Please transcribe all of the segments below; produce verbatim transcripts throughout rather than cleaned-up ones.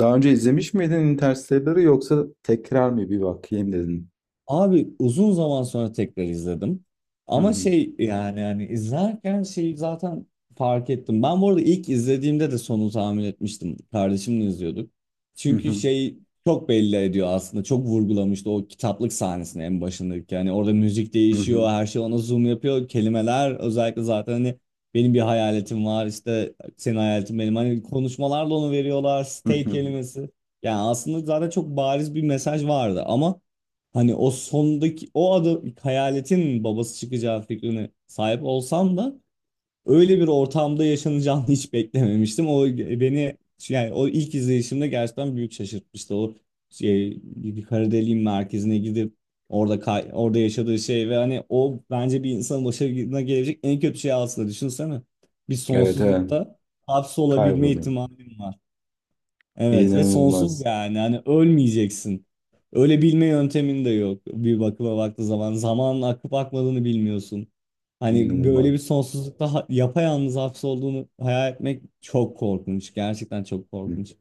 Daha önce izlemiş miydin Interstellar'ı yoksa tekrar mı bir bakayım dedin? Abi uzun zaman sonra tekrar izledim. Hı Ama hı, şey yani yani izlerken şeyi zaten fark ettim. Ben bu arada ilk izlediğimde de sonu tahmin etmiştim. Kardeşimle izliyorduk. hı Çünkü hı, şey çok belli ediyor aslında. Çok vurgulamıştı o kitaplık sahnesini en başındaki. Yani orada müzik hı hı, değişiyor, her şey ona zoom yapıyor. Kelimeler özellikle zaten hani benim bir hayaletim var işte senin hayaletin benim. Hani konuşmalarla onu veriyorlar. hı Stay hı. kelimesi. Yani aslında zaten çok bariz bir mesaj vardı ama hani o sondaki o adı hayaletin babası çıkacağı fikrine sahip olsam da öyle bir ortamda yaşanacağını hiç beklememiştim. O beni, yani o ilk izleyişimde gerçekten büyük şaşırtmıştı. O şey, bir kara deliğin merkezine gidip orada kay- orada yaşadığı şey ve hani o bence bir insanın başına gelecek en kötü şey aslında, düşünsene. Bir Evet evet. sonsuzlukta hapsolabilme Kayboldum. ihtimalin var. Evet ve sonsuz, İnanılmaz. yani hani ölmeyeceksin. Öyle bilme yöntemin de yok bir bakıma baktığı zaman. Zamanın akıp akmadığını bilmiyorsun. Hani böyle bir İnanılmaz. sonsuzlukta ha- yapayalnız hapsolduğunu hayal etmek çok korkunç. Gerçekten çok Hı. korkunç.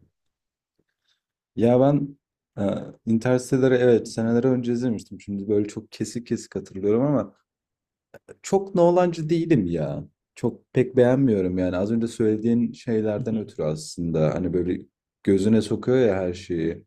Ya ben e, Interstellar'ı Hı evet hı. seneler önce izlemiştim. Şimdi böyle çok kesik kesik hatırlıyorum ama çok Nolan'cı değilim ya. Çok pek beğenmiyorum yani. Az önce söylediğin şeylerden ötürü aslında. Hani böyle gözüne sokuyor ya her şeyi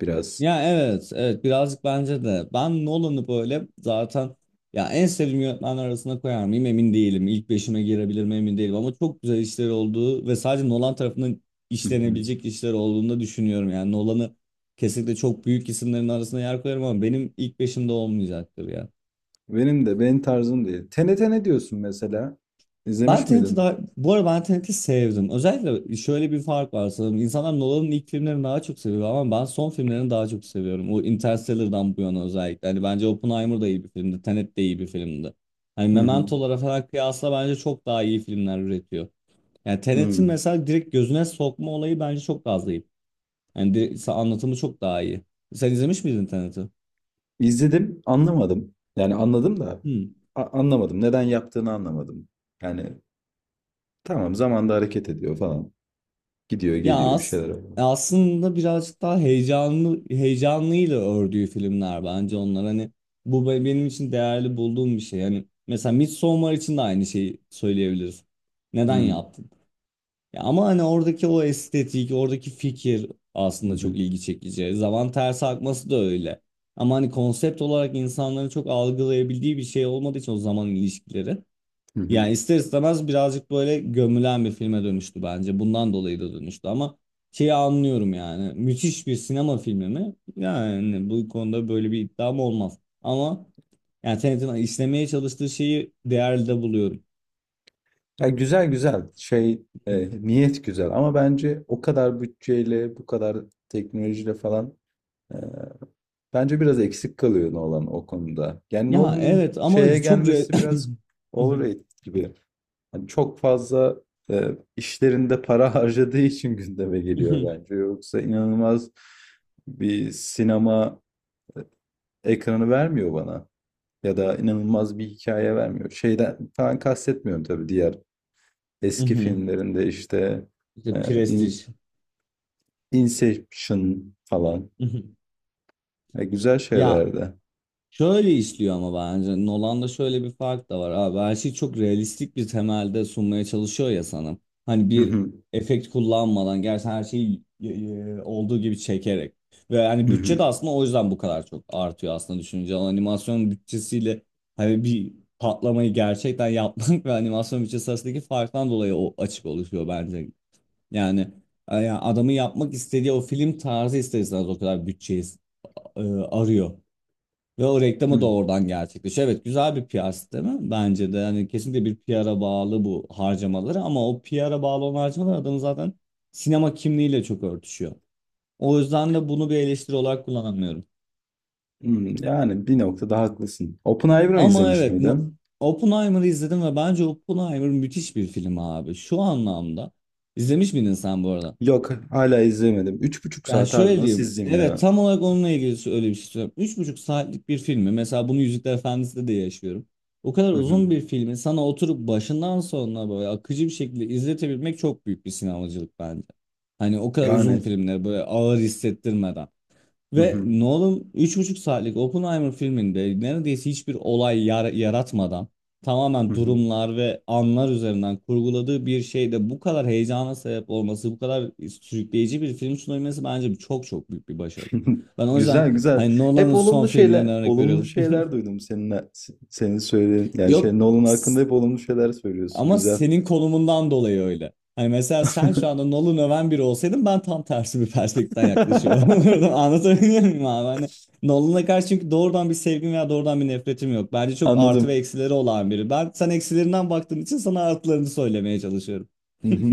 biraz. Ya evet, evet birazcık bence de. Ben Nolan'ı böyle zaten, ya, en sevdiğim yönetmenler arasına koyar mıyım emin değilim. İlk beşime girebilir mi emin değilim ama çok güzel işleri olduğu ve sadece Nolan tarafından işlenebilecek işler olduğunu da düşünüyorum. Yani Nolan'ı kesinlikle çok büyük isimlerin arasına yer koyarım ama benim ilk beşimde olmayacaktır ya. Benim de benim tarzım değil. T N T ne diyorsun mesela? Ben İzlemiş Tenet'i miydin? Daha, bu arada ben Tenet'i sevdim. Özellikle şöyle bir fark var sanırım. İnsanlar Nolan'ın ilk filmlerini daha çok seviyor ama ben son filmlerini daha çok seviyorum. O Interstellar'dan bu yana özellikle. Hani bence Oppenheimer da iyi bir filmdi. Tenet de iyi bir filmdi. Hani Hı hı. Memento'lara falan kıyasla bence çok daha iyi filmler üretiyor. Yani Hı. Tenet'in mesela direkt gözüne sokma olayı bence çok daha zayıf. Yani direkt, anlatımı çok daha iyi. Sen izlemiş miydin Tenet'i? İzledim, anlamadım. Yani anladım da a- anlamadım. Neden yaptığını anlamadım. Yani tamam zamanda hareket ediyor falan. Gidiyor, Ya geliyor bir as şeyler oluyor. Aslında birazcık daha heyecanlı, heyecanlıyla ördüğü filmler bence onlar, hani bu be- benim için değerli bulduğum bir şey. Hani mesela Midsommar için de aynı şeyi söyleyebiliriz. Neden Hı yaptın? Ya ama hani oradaki o estetik, oradaki fikir hı aslında çok hı. ilgi çekici. Zaman ters akması da öyle. Ama hani konsept olarak insanların çok algılayabildiği bir şey olmadığı için o zaman ilişkileri. Hı hı. Yani ister istemez birazcık böyle gömülen bir filme dönüştü bence. Bundan dolayı da dönüştü ama şeyi anlıyorum yani. Müthiş bir sinema filmi mi? Yani bu konuda böyle bir iddiam olmaz. Ama yani Tenet'in işlemeye çalıştığı şeyi değerli de buluyorum. Ya güzel güzel şey, e, niyet güzel ama bence o kadar bütçeyle bu kadar teknolojiyle falan, e, bence biraz eksik kalıyor Nolan o konuda. Yani Ya Nolan'ın evet şeye ama çok re... gelmesi biraz overrated gibi. Hani çok fazla e, işlerinde para harcadığı için gündeme geliyor bence. Yoksa inanılmaz bir sinema ekranı vermiyor bana. Ya da inanılmaz bir hikaye vermiyor. Şeyden falan kastetmiyorum tabii diğer eski filmlerinde işte, e, İşte In- prestij. Inception falan. E, güzel Ya, şeylerdi. şöyle işliyor ama bence Nolan'da şöyle bir fark da var abi, her şeyi çok realistik bir temelde sunmaya çalışıyor ya sana. Hani bir efekt kullanmadan gerçekten her şeyi e, e, olduğu gibi çekerek. Ve hani bütçe de aslında o yüzden bu kadar çok artıyor aslında düşününce. Animasyon bütçesiyle hani bir patlamayı gerçekten yapmak ve animasyon bütçesi arasındaki farktan dolayı o açık oluşuyor bence. Yani, yani adamın yapmak istediği o film tarzı ister istemez o kadar bütçeyi e, arıyor. Ve o reklamı da oradan gerçekleşiyor. Evet güzel bir P R değil mi? Bence de. Yani kesinlikle bir P R'a bağlı bu harcamaları ama o P R'a bağlı olan harcamalar adamın zaten sinema kimliğiyle çok örtüşüyor. O yüzden de bunu bir eleştiri olarak kullanamıyorum. Hmm, yani bir noktada haklısın. Oppenheimer'ı Ama izlemiş evet no, miydin? Oppenheimer'ı izledim ve bence Oppenheimer müthiş bir film abi. Şu anlamda, izlemiş miydin sen bu arada? Yok, hala izlemedim. Üç buçuk Yani saat abi şöyle nasıl diyeyim. izleyeyim Evet ya? tam olarak onunla ilgili öyle bir şey söylüyorum. Üç buçuk saatlik bir filmi. Mesela bunu Yüzükler Efendisi'de de yaşıyorum. O kadar Hı uzun hı. bir filmi sana oturup başından sonuna böyle akıcı bir şekilde izletebilmek çok büyük bir sinemacılık bence. Hani o kadar uzun Yani. filmleri böyle ağır hissettirmeden. Hı Ve hı. Nolan üç buçuk saatlik Oppenheimer filminde neredeyse hiçbir olay yar- yaratmadan Hı tamamen hı. durumlar ve anlar üzerinden kurguladığı bir şeyde bu kadar heyecana sebep olması, bu kadar sürükleyici bir film sunabilmesi bence çok çok büyük bir başarı. Ben o Güzel yüzden güzel. hani Hep Nolan'ın son olumlu filmlerine şeyler, örnek olumlu veriyorum. şeyler duydum seninle, senin söylediğin. Yani şey Yok. Nolan hakkında hep olumlu şeyler söylüyorsun. Ama Güzel. senin konumundan dolayı öyle. Hani mesela sen şu anda Nolan öven biri olsaydın ben tam tersi bir perspektiften yaklaşıyor olurdum. Anlatabiliyor muyum abi? Hani Nolan'a karşı çünkü doğrudan bir sevgim veya doğrudan bir nefretim yok. Bence çok artı ve Anladım. eksileri olan biri. Ben, sen eksilerinden baktığın için sana artılarını söylemeye çalışıyorum. Hı hı.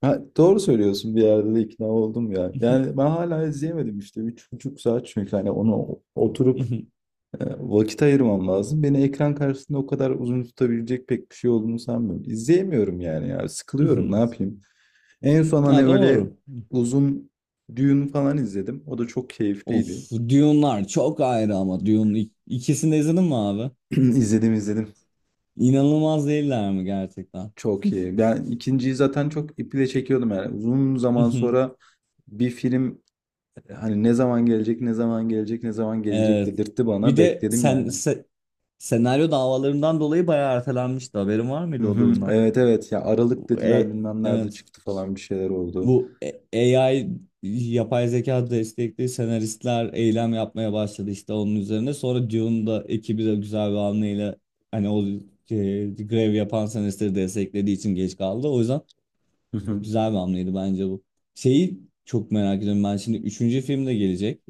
Ha, doğru söylüyorsun bir yerde de ikna oldum ya. Yani ben hala izleyemedim işte. Üç buçuk saat çünkü hani onu oturup, E, vakit ayırmam lazım. Beni ekran karşısında o kadar uzun tutabilecek pek bir şey olduğunu sanmıyorum. İzleyemiyorum yani ya. Sıkılıyorum. Ne yapayım? En son hani Ya öyle doğru. uzun düğün falan izledim. O da çok Of, keyifliydi. Dune'lar çok ayrı ama Dune ik- ikisini de izledin mi abi? İzledim izledim. İnanılmaz değiller mi gerçekten? Çok iyi. Ben ikinciyi zaten çok iple çekiyordum yani. Uzun zaman sonra bir film, e, hani ne zaman gelecek, ne zaman gelecek, ne zaman gelecek Evet. dedirtti Bir bana. de Bekledim sen, yani. se- senaryo davalarından dolayı bayağı ertelenmişti. Haberin var Hı mıydı o hı. durumdan? Evet evet ya Aralık Bu dediler E, bilmem nerede evet. çıktı falan bir şeyler oldu. Bu e- A I yapay zeka destekli senaristler eylem yapmaya başladı işte onun üzerine. Sonra Dune'un da ekibi de güzel bir hamleyle hani o e, grev yapan senaristleri desteklediği için geç kaldı. O yüzden Hı hı. güzel bir hamleydi bence bu. Şeyi çok merak ediyorum ben şimdi üçüncü filmde gelecek.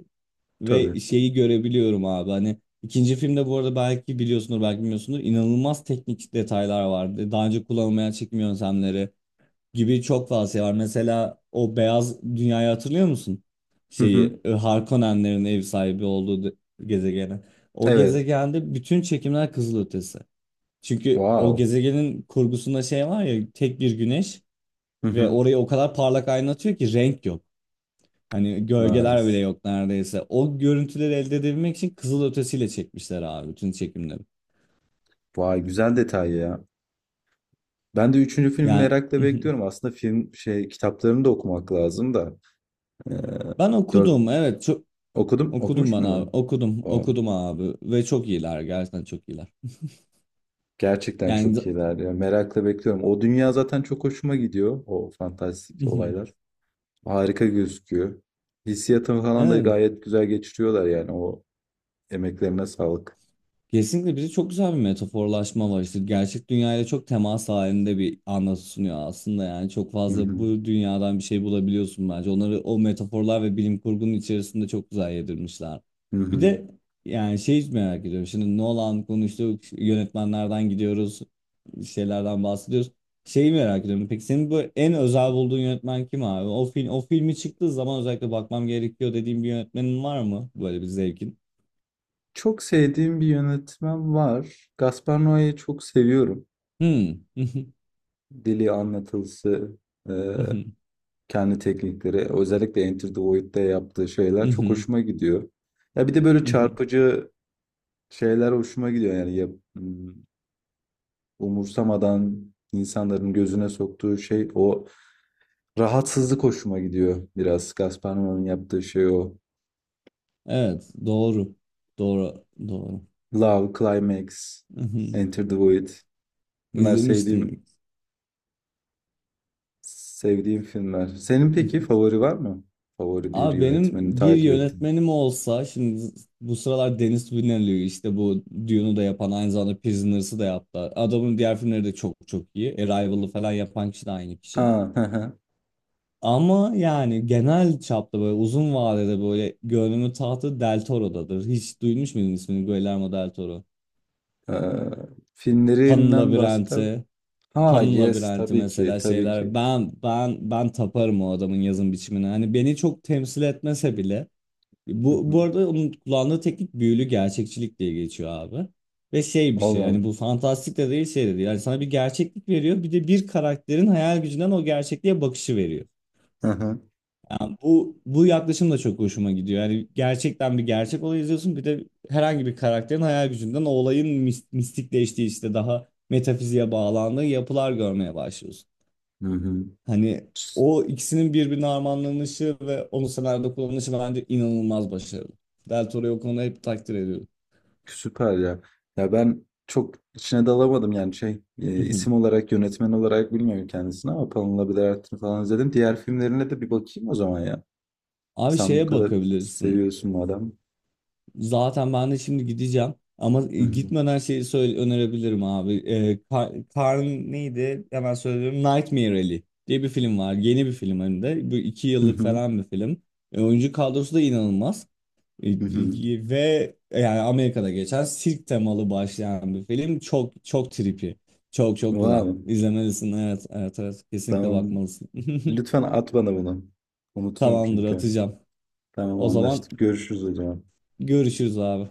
Tabii. Ve şeyi görebiliyorum abi, hani ikinci filmde, bu arada belki biliyorsundur belki bilmiyorsundur, inanılmaz teknik detaylar vardı. Daha önce kullanılmayan çekim yöntemleri gibi çok fazla şey var. Mesela o beyaz dünyayı hatırlıyor musun? Hı hı. Şeyi, e, Harkonnenlerin ev sahibi olduğu de- gezegeni. O Evet. gezegende bütün çekimler kızılötesi. Çünkü o Wow. gezegenin kurgusunda şey var ya, tek bir güneş Hı ve hı. orayı o kadar parlak aydınlatıyor ki renk yok. Hani gölgeler bile Nice. yok neredeyse. O görüntüleri elde edebilmek için kızılötesiyle çekmişler abi bütün çekimleri. Vay güzel detay ya. Ben de üçüncü filmi Yani merakla bekliyorum. Aslında film şey kitaplarını da okumak lazım da. Ee, ben dört okudum, evet çok okudum. okudum Okumuş bana abi. muydun? Okudum Vay. okudum abi ve çok iyiler, gerçekten çok iyiler. Gerçekten Yani çok iyiler ya. Merakla bekliyorum. O dünya zaten çok hoşuma gidiyor. O fantastik olaylar. Harika gözüküyor. Hissiyatını falan da evet, gayet güzel geçiriyorlar yani. O emeklerine sağlık. kesinlikle bize çok güzel bir metaforlaşma var işte, gerçek dünyayla çok temas halinde bir anlatı sunuyor aslında. Yani çok Hı fazla hı. bu dünyadan bir şey bulabiliyorsun bence, onları o metaforlar ve bilim kurgunun içerisinde çok güzel yedirmişler. Hı Bir hı. de yani şey merak ediyorum şimdi, Nolan konuştuk, yönetmenlerden gidiyoruz, şeylerden bahsediyoruz, şeyi merak ediyorum: peki senin bu en özel bulduğun yönetmen kim abi, o film, o filmi çıktığı zaman özellikle bakmam gerekiyor dediğin bir yönetmenin var mı, böyle bir zevkin? Çok sevdiğim bir yönetmen var. Gaspar Noé'yi çok seviyorum. Hmm. Dili, anlatılısı, e, kendi teknikleri, özellikle Enter the Void'de yaptığı şeyler çok hoşuma gidiyor. Ya bir de böyle Hı hı. çarpıcı şeyler hoşuma gidiyor. Yani yap- m, umursamadan insanların gözüne soktuğu şey o rahatsızlık hoşuma gidiyor biraz. Gaspar Noé'nin yaptığı şey o. Evet, doğru. Doğru, doğru. Love, Climax, Hı hı. Enter the Void. Bunlar sevdiğim İzlemiştim. Sevdiğim filmler. Senin Hı peki hı. favori var mı? Favori bir Abi benim yönetmeni bir takip ettiğin. yönetmenim olsa, şimdi bu sıralar Denis Villeneuve, işte bu Dune'u da yapan, aynı zamanda Prisoners'ı da yaptı. Adamın diğer filmleri de çok çok iyi. Arrival'ı falan yapan kişi de aynı kişi. Ha, hı hı. Ama yani genel çapta böyle uzun vadede böyle gönlümün tahtı Del Toro'dadır. Hiç duymuş muydun ismini, Guillermo Del Toro? Ee, Pan'ın filmlerinden bahseder. Labirenti. Ha, Pan'ın yes, labirenti tabii ki, mesela, tabii şeyler. ki. Ben ben ben taparım o adamın yazım biçimine. Hani beni çok temsil etmese bile. Hı Bu hı. bu arada onun kullandığı teknik büyülü gerçekçilik diye geçiyor abi. Ve şey bir şey, yani Allah'ım. bu fantastik de değil, şey de değil. Yani sana bir gerçeklik veriyor, bir de bir karakterin hayal gücünden o gerçekliğe bakışı veriyor. Hı hı. Yani bu bu yaklaşım da çok hoşuma gidiyor. Yani gerçekten bir gerçek olay izliyorsun, bir de herhangi bir karakterin hayal gücünden o olayın mis- mistikleştiği, işte daha metafiziğe bağlandığı yapılar görmeye başlıyorsun. Hı hı. Hani Sü- o ikisinin birbirine armağanlanışı ve onu senaryoda kullanışı bence inanılmaz başarılı. Del Toro'yu o konuda hep takdir ediyorum. Süper ya. Ya ben çok içine dalamadım yani şey, e, isim Mhm. olarak yönetmen olarak bilmiyorum kendisini ama Pamela Bidert'ini falan izledim. Diğer filmlerine de bir bakayım o zaman ya. Abi Sen bu şeye kadar bakabilirsin. seviyorsun madem. Zaten ben de şimdi gideceğim. Ama Hı hı. gitmeden şeyi söyle önerebilirim abi. Ee, Kar- Karn neydi? Hemen söylüyorum. Nightmare Alley diye bir film var. Yeni bir film hem de. Bu iki Hı yıllık hı. falan bir film. E, oyuncu kadrosu da inanılmaz. Hı hı. Ve yani Amerika'da geçen sirk temalı başlayan bir film. Çok çok trippy. Çok çok güzel. Wow. İzlemelisin. Evet, evet, evet. Kesinlikle Tamam. bakmalısın. Lütfen at bana bunu. Unuturum Tamamdır, çünkü. atacağım. Tamam O zaman anlaştık. Görüşürüz o zaman. görüşürüz abi.